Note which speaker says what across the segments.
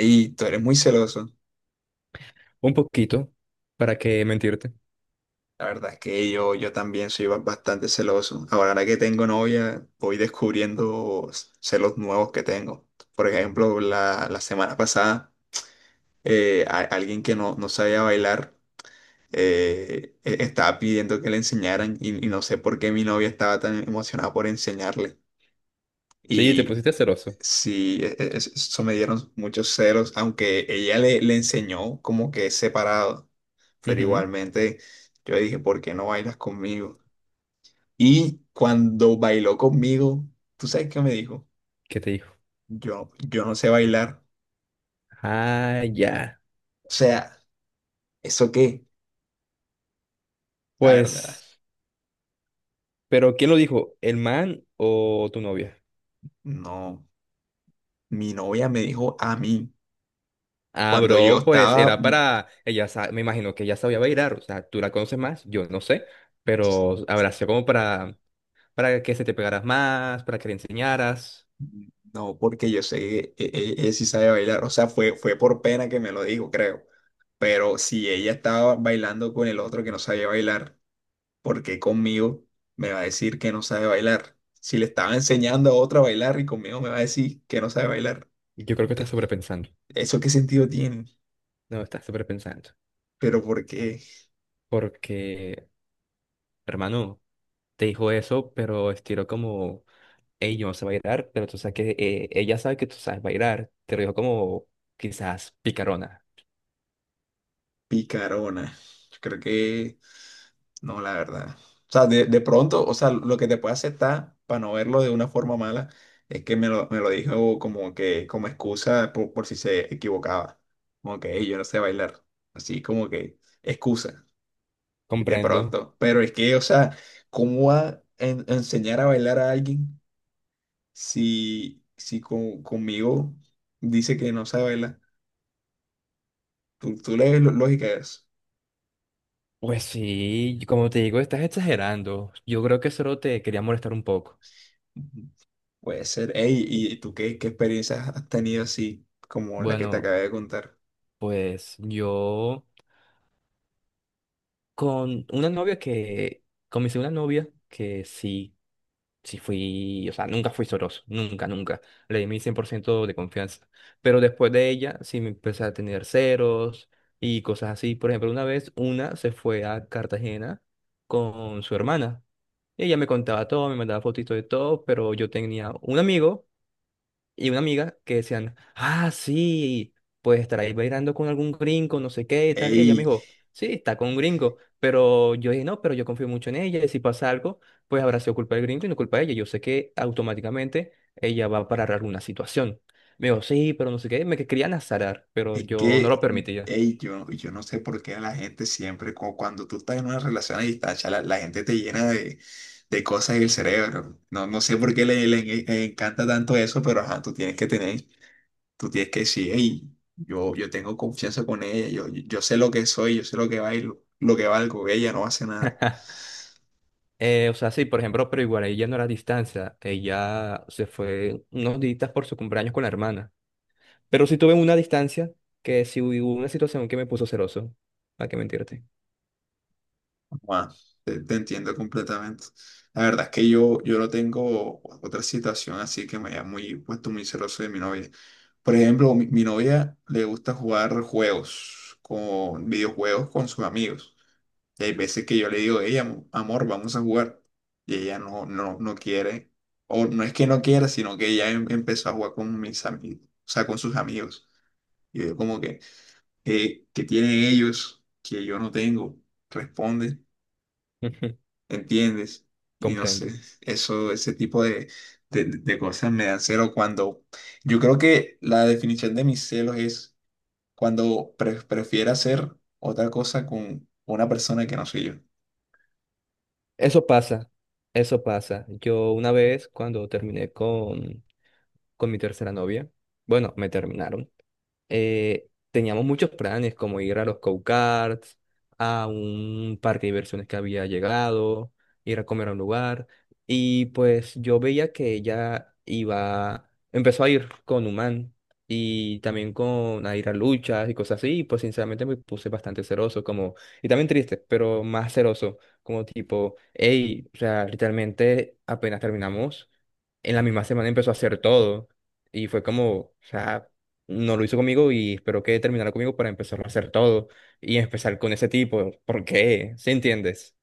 Speaker 1: Y tú eres muy celoso.
Speaker 2: Un poquito, para que mentirte.
Speaker 1: La verdad es que yo también soy bastante celoso. Ahora que tengo novia, voy descubriendo celos nuevos que tengo. Por ejemplo, la semana pasada, alguien que no sabía bailar estaba pidiendo que le enseñaran y no sé por qué mi novia estaba tan emocionada por enseñarle.
Speaker 2: Sí, te pusiste celoso.
Speaker 1: Sí, eso me dieron muchos celos, aunque ella le enseñó como que es separado, pero
Speaker 2: Ujú.
Speaker 1: igualmente yo le dije, ¿por qué no bailas conmigo? Y cuando bailó conmigo, ¿tú sabes qué me dijo?
Speaker 2: ¿Qué te dijo?
Speaker 1: Yo no sé bailar.
Speaker 2: Ah, ya.
Speaker 1: O sea, ¿eso qué? La verdad,
Speaker 2: Pues, ¿pero quién lo dijo? ¿El man o tu novia?
Speaker 1: no. Mi novia me dijo a mí,
Speaker 2: Ah,
Speaker 1: cuando yo
Speaker 2: bro, pues
Speaker 1: estaba,
Speaker 2: era para... Me imagino que ella sabía bailar, o sea, tú la conoces más, yo no sé, pero habrá sido como para que se te pegaras más, para que le enseñaras.
Speaker 1: no, porque yo sé que ella sí sabe bailar, o sea, fue por pena que me lo dijo, creo. Pero si ella estaba bailando con el otro que no sabía bailar, ¿por qué conmigo me va a decir que no sabe bailar? Si le estaba enseñando a otra a bailar y conmigo me va a decir que no sabe bailar.
Speaker 2: Yo creo que estás
Speaker 1: Eh,
Speaker 2: sobrepensando.
Speaker 1: ¿Eso qué sentido tiene?
Speaker 2: No, estás sobrepensando.
Speaker 1: Pero ¿por qué
Speaker 2: Porque, hermano, te dijo eso, pero estilo como... Hey, yo no sé bailar, pero tú sabes que ella sabe que tú sabes bailar. Te lo dijo como quizás picarona.
Speaker 1: picarona? Yo creo que no, la verdad. O sea, de pronto, o sea, lo que te puede aceptar para no verlo de una forma mala es que me lo dijo como que como excusa por si se equivocaba. Como que "Ey, yo no sé bailar". Así como que excusa. De
Speaker 2: Comprendo.
Speaker 1: pronto. Pero es que, o sea, ¿cómo va a enseñar a bailar a alguien si conmigo dice que no sabe bailar? ¿Tú le ves lógica a eso?
Speaker 2: Pues sí, como te digo, estás exagerando. Yo creo que solo te quería molestar un poco.
Speaker 1: Ujú. Puede ser. Ey, ¿y tú qué, qué experiencias has tenido así como la que te
Speaker 2: Bueno,
Speaker 1: acabé de contar?
Speaker 2: pues yo con una novia que, con mi segunda novia, que sí. Sí fui, o sea, nunca fui soroso, nunca, nunca. Le di mi 100% de confianza. Pero después de ella, sí me empecé a tener ceros y cosas así. Por ejemplo, una vez una se fue a Cartagena con su hermana. Y ella me contaba todo, me mandaba fotitos de todo, pero yo tenía un amigo y una amiga que decían, ah, sí, pues estará ahí bailando con algún gringo, no sé qué y tal. Y ella me
Speaker 1: Ey.
Speaker 2: dijo, sí, está con un gringo. Pero yo dije, no, pero yo confío mucho en ella. Y si pasa algo, pues habrá sido culpa del gringo y no culpa de ella. Yo sé que automáticamente ella va a parar alguna situación. Me dijo, sí, pero no sé qué. Querían azarar, pero
Speaker 1: Es
Speaker 2: yo no
Speaker 1: que,
Speaker 2: lo permitía.
Speaker 1: ey, yo no sé por qué a la gente siempre, cuando tú estás en una relación a distancia, la gente te llena de cosas en el cerebro. No sé por qué le encanta tanto eso, pero ajá, tú tienes que tener, tú tienes que decir, hey, yo tengo confianza con ella, yo sé lo que soy, yo sé lo que bailo, lo que valgo, ella no hace nada.
Speaker 2: O sea, sí, por ejemplo, pero igual ella no era a distancia. Ella se fue unos días por su cumpleaños con la hermana. Pero sí tuve una distancia que sí hubo una situación que me puso celoso. ¿Para qué mentirte?
Speaker 1: Bueno, te entiendo completamente. La verdad es que yo no tengo otra situación así que me haya muy, puesto muy celoso de mi novia. Por ejemplo, mi novia le gusta jugar juegos, con videojuegos con sus amigos. Y hay veces que yo le digo, ella, amor, vamos a jugar. Y ella no quiere, o no es que no quiera, sino que ella empezó a jugar con mis amigos, o sea, con sus amigos. Y yo como que, ¿qué tienen ellos que yo no tengo? Responde.
Speaker 2: Ujú.
Speaker 1: ¿Entiendes? Y no sé,
Speaker 2: Comprendo.
Speaker 1: eso, ese tipo de, de cosas me dan celo cuando, yo creo que la definición de mis celos es cuando prefiero hacer otra cosa con una persona que no soy yo.
Speaker 2: Eso pasa, eso pasa. Yo una vez cuando con mi tercera novia, bueno, me terminaron. Teníamos muchos planes, como ir a los go-karts, a un parque de diversiones que había llegado, ir a comer a un lugar. Y pues yo veía que ella iba, empezó a ir con Human y también con a ir a luchas y cosas así. Y pues sinceramente me puse bastante celoso, como, y también triste, pero más celoso, como tipo, hey, o sea, literalmente apenas terminamos, en la misma semana empezó a hacer todo. Y fue como, o sea, no lo hizo conmigo y espero que terminara conmigo para empezarlo a hacer todo y empezar con ese tipo. ¿Por qué? ¿Sí entiendes?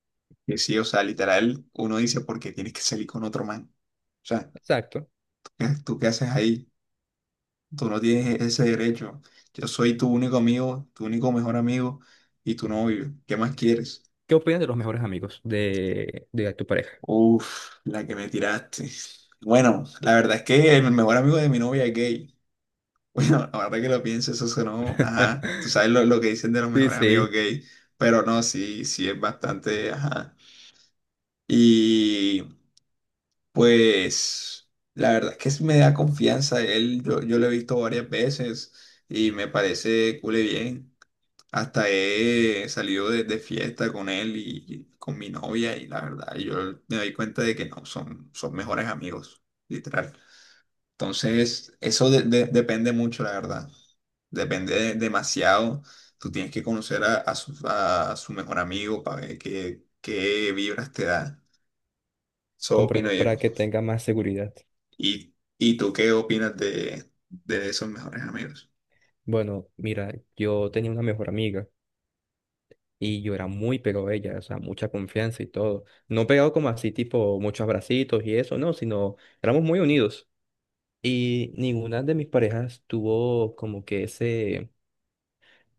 Speaker 1: Que sí, o sea, literal, uno dice, ¿porque tienes que salir con otro man? O sea,
Speaker 2: Exacto.
Speaker 1: ¿tú qué haces ahí? Tú no tienes ese derecho. Yo soy tu único amigo, tu único mejor amigo y tu novio. ¿Qué más quieres?
Speaker 2: ¿Qué opinas de los mejores amigos de tu pareja?
Speaker 1: Uf, la que me tiraste. Bueno, la verdad es que el mejor amigo de mi novia es gay. Bueno, ahora que lo pienso, eso sonó, ajá. Tú sabes lo que dicen de los
Speaker 2: Sí,
Speaker 1: mejores amigos
Speaker 2: sí,
Speaker 1: gay, pero no, sí, sí es bastante, ajá. Y pues, la verdad es que sí me da confianza él. Yo lo he visto varias veces y me parece cool y bien. Hasta he salido de fiesta con él y con mi novia y la verdad, yo me doy cuenta de que no, son, son mejores amigos, literal. Entonces, eso depende mucho, la verdad. Depende demasiado. Tú tienes que conocer a su mejor amigo para ver qué, qué vibras te da. Eso opino
Speaker 2: comprendo
Speaker 1: yo.
Speaker 2: para que tenga más seguridad.
Speaker 1: Y tú qué opinas de esos mejores amigos?
Speaker 2: Bueno, mira, yo tenía una mejor amiga y yo era muy pegado a ella, o sea, mucha confianza y todo. No pegado como así, tipo muchos abracitos y eso, no, sino éramos muy unidos. Y ninguna de mis parejas tuvo como que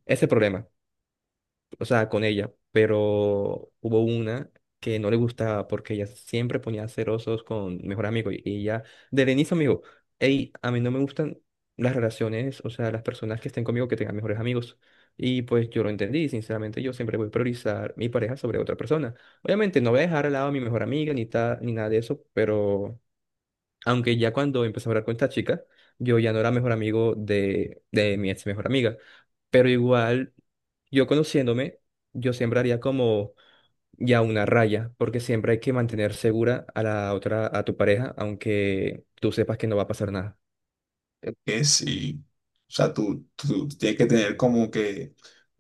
Speaker 2: ese problema. O sea, con ella, pero hubo una que no le gustaba porque ella siempre ponía cerosos con mejor amigo y ella, desde el inicio me dijo, hey, a mí no me gustan las relaciones, o sea, las personas que estén conmigo que tengan mejores amigos. Y pues yo lo entendí, sinceramente yo siempre voy a priorizar mi pareja sobre otra persona. Obviamente no voy a dejar al lado a mi mejor amiga ni nada de eso, pero aunque ya cuando empecé a hablar con esta chica, yo ya no era mejor amigo de mi ex mejor amiga. Pero igual, yo conociéndome, yo siempre haría como ya una raya, porque siempre hay que mantener segura a la otra, a tu pareja, aunque tú sepas que no va a pasar nada.
Speaker 1: Que sí, o sea, tú tienes que tener como que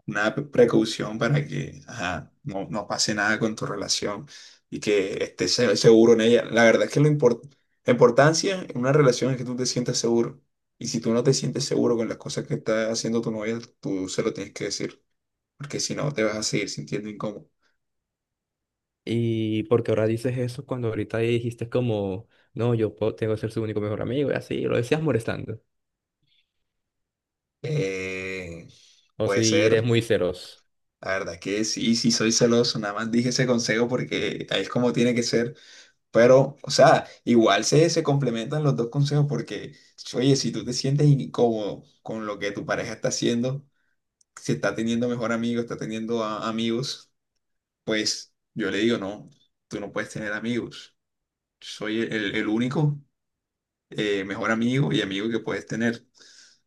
Speaker 1: una precaución para que ajá, no pase nada con tu relación y que estés seguro en ella. La verdad es que lo la importancia en una relación es que tú te sientas seguro. Y si tú no te sientes seguro con las cosas que está haciendo tu novia, tú se lo tienes que decir, porque si no te vas a seguir sintiendo incómodo.
Speaker 2: Y porque ahora dices eso cuando ahorita dijiste como, no, tengo que ser su único mejor amigo, y así, lo decías molestando.
Speaker 1: Eh,
Speaker 2: O
Speaker 1: puede
Speaker 2: si eres
Speaker 1: ser,
Speaker 2: muy celoso.
Speaker 1: la verdad que sí, sí soy celoso, nada más dije ese consejo porque ahí es como tiene que ser. Pero, o sea, igual se complementan los dos consejos porque, oye, si tú te sientes incómodo con lo que tu pareja está haciendo, si está teniendo mejor amigo, está teniendo amigos, pues yo le digo, no, tú no puedes tener amigos. Soy el, el único mejor amigo y amigo que puedes tener.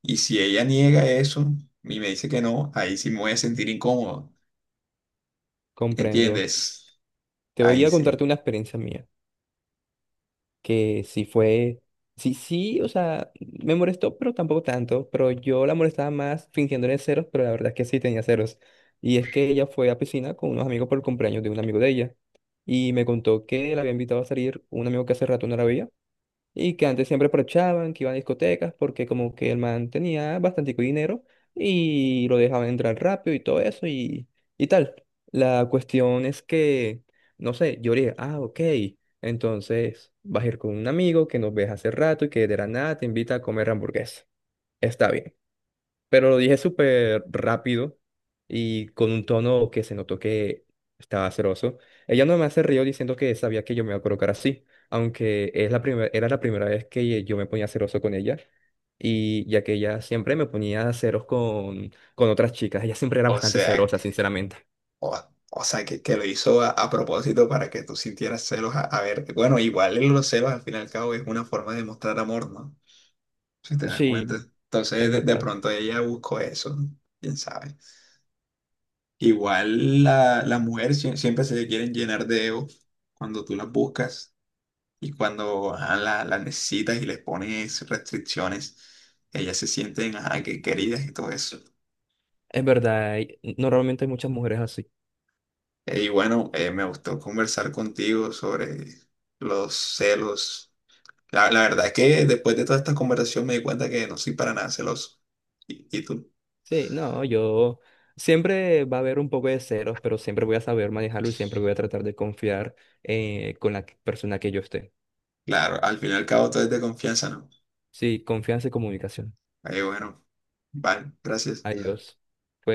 Speaker 1: Y si ella niega eso y me dice que no, ahí sí me voy a sentir incómodo.
Speaker 2: Comprendo.
Speaker 1: ¿Entiendes?
Speaker 2: Te voy
Speaker 1: Ahí
Speaker 2: a
Speaker 1: sí.
Speaker 2: contarte una experiencia mía. Que sí fue, sí, sí, o sea, me molestó, pero tampoco tanto, pero yo la molestaba más fingiéndole ceros, pero la verdad es que sí tenía ceros. Y es que ella fue a piscina con unos amigos por el cumpleaños de un amigo de ella, y me contó que la había invitado a salir un amigo que hace rato no la veía, y que antes siempre aprovechaban, que iban a discotecas, porque como que el man tenía bastante dinero y lo dejaban entrar rápido y todo eso y tal. La cuestión es que, no sé, yo dije, ah, ok, entonces vas a ir con un amigo que nos ves hace rato y que de la nada te invita a comer hamburguesa. Está bien. Pero lo dije súper rápido y con un tono que se notó que estaba celoso. Ella no me hace río diciendo que sabía que yo me iba a colocar así, aunque es era la primera vez que yo me ponía celoso con ella. Y ya que ella siempre me ponía celos con otras chicas, ella siempre era
Speaker 1: O
Speaker 2: bastante
Speaker 1: sea,
Speaker 2: celosa, sinceramente.
Speaker 1: O, o sea, que lo hizo a propósito para que tú sintieras celos a ver. Bueno, igual en los celos al fin y al cabo es una forma de mostrar amor, ¿no? Si te das
Speaker 2: Sí,
Speaker 1: cuenta. Entonces,
Speaker 2: es
Speaker 1: de
Speaker 2: verdad.
Speaker 1: pronto ella buscó eso, ¿no? Quién sabe. Igual la, las mujeres siempre se quieren llenar de ego cuando tú las buscas y cuando ajá, las necesitas y les pones restricciones, ellas se sienten ajá, que queridas y todo eso.
Speaker 2: Es verdad, y normalmente hay muchas mujeres así.
Speaker 1: Y bueno, me gustó conversar contigo sobre los celos. La verdad es que después de toda esta conversación me di cuenta que no soy para nada celoso. Y tú?
Speaker 2: Sí, no, yo siempre va a haber un poco de ceros, pero siempre voy a saber manejarlo y siempre voy a tratar de confiar con la persona que yo esté.
Speaker 1: Claro, al fin y al cabo todo es de confianza, ¿no?
Speaker 2: Sí, confianza y comunicación.
Speaker 1: Ahí bueno, vale, gracias.
Speaker 2: Adiós. Fue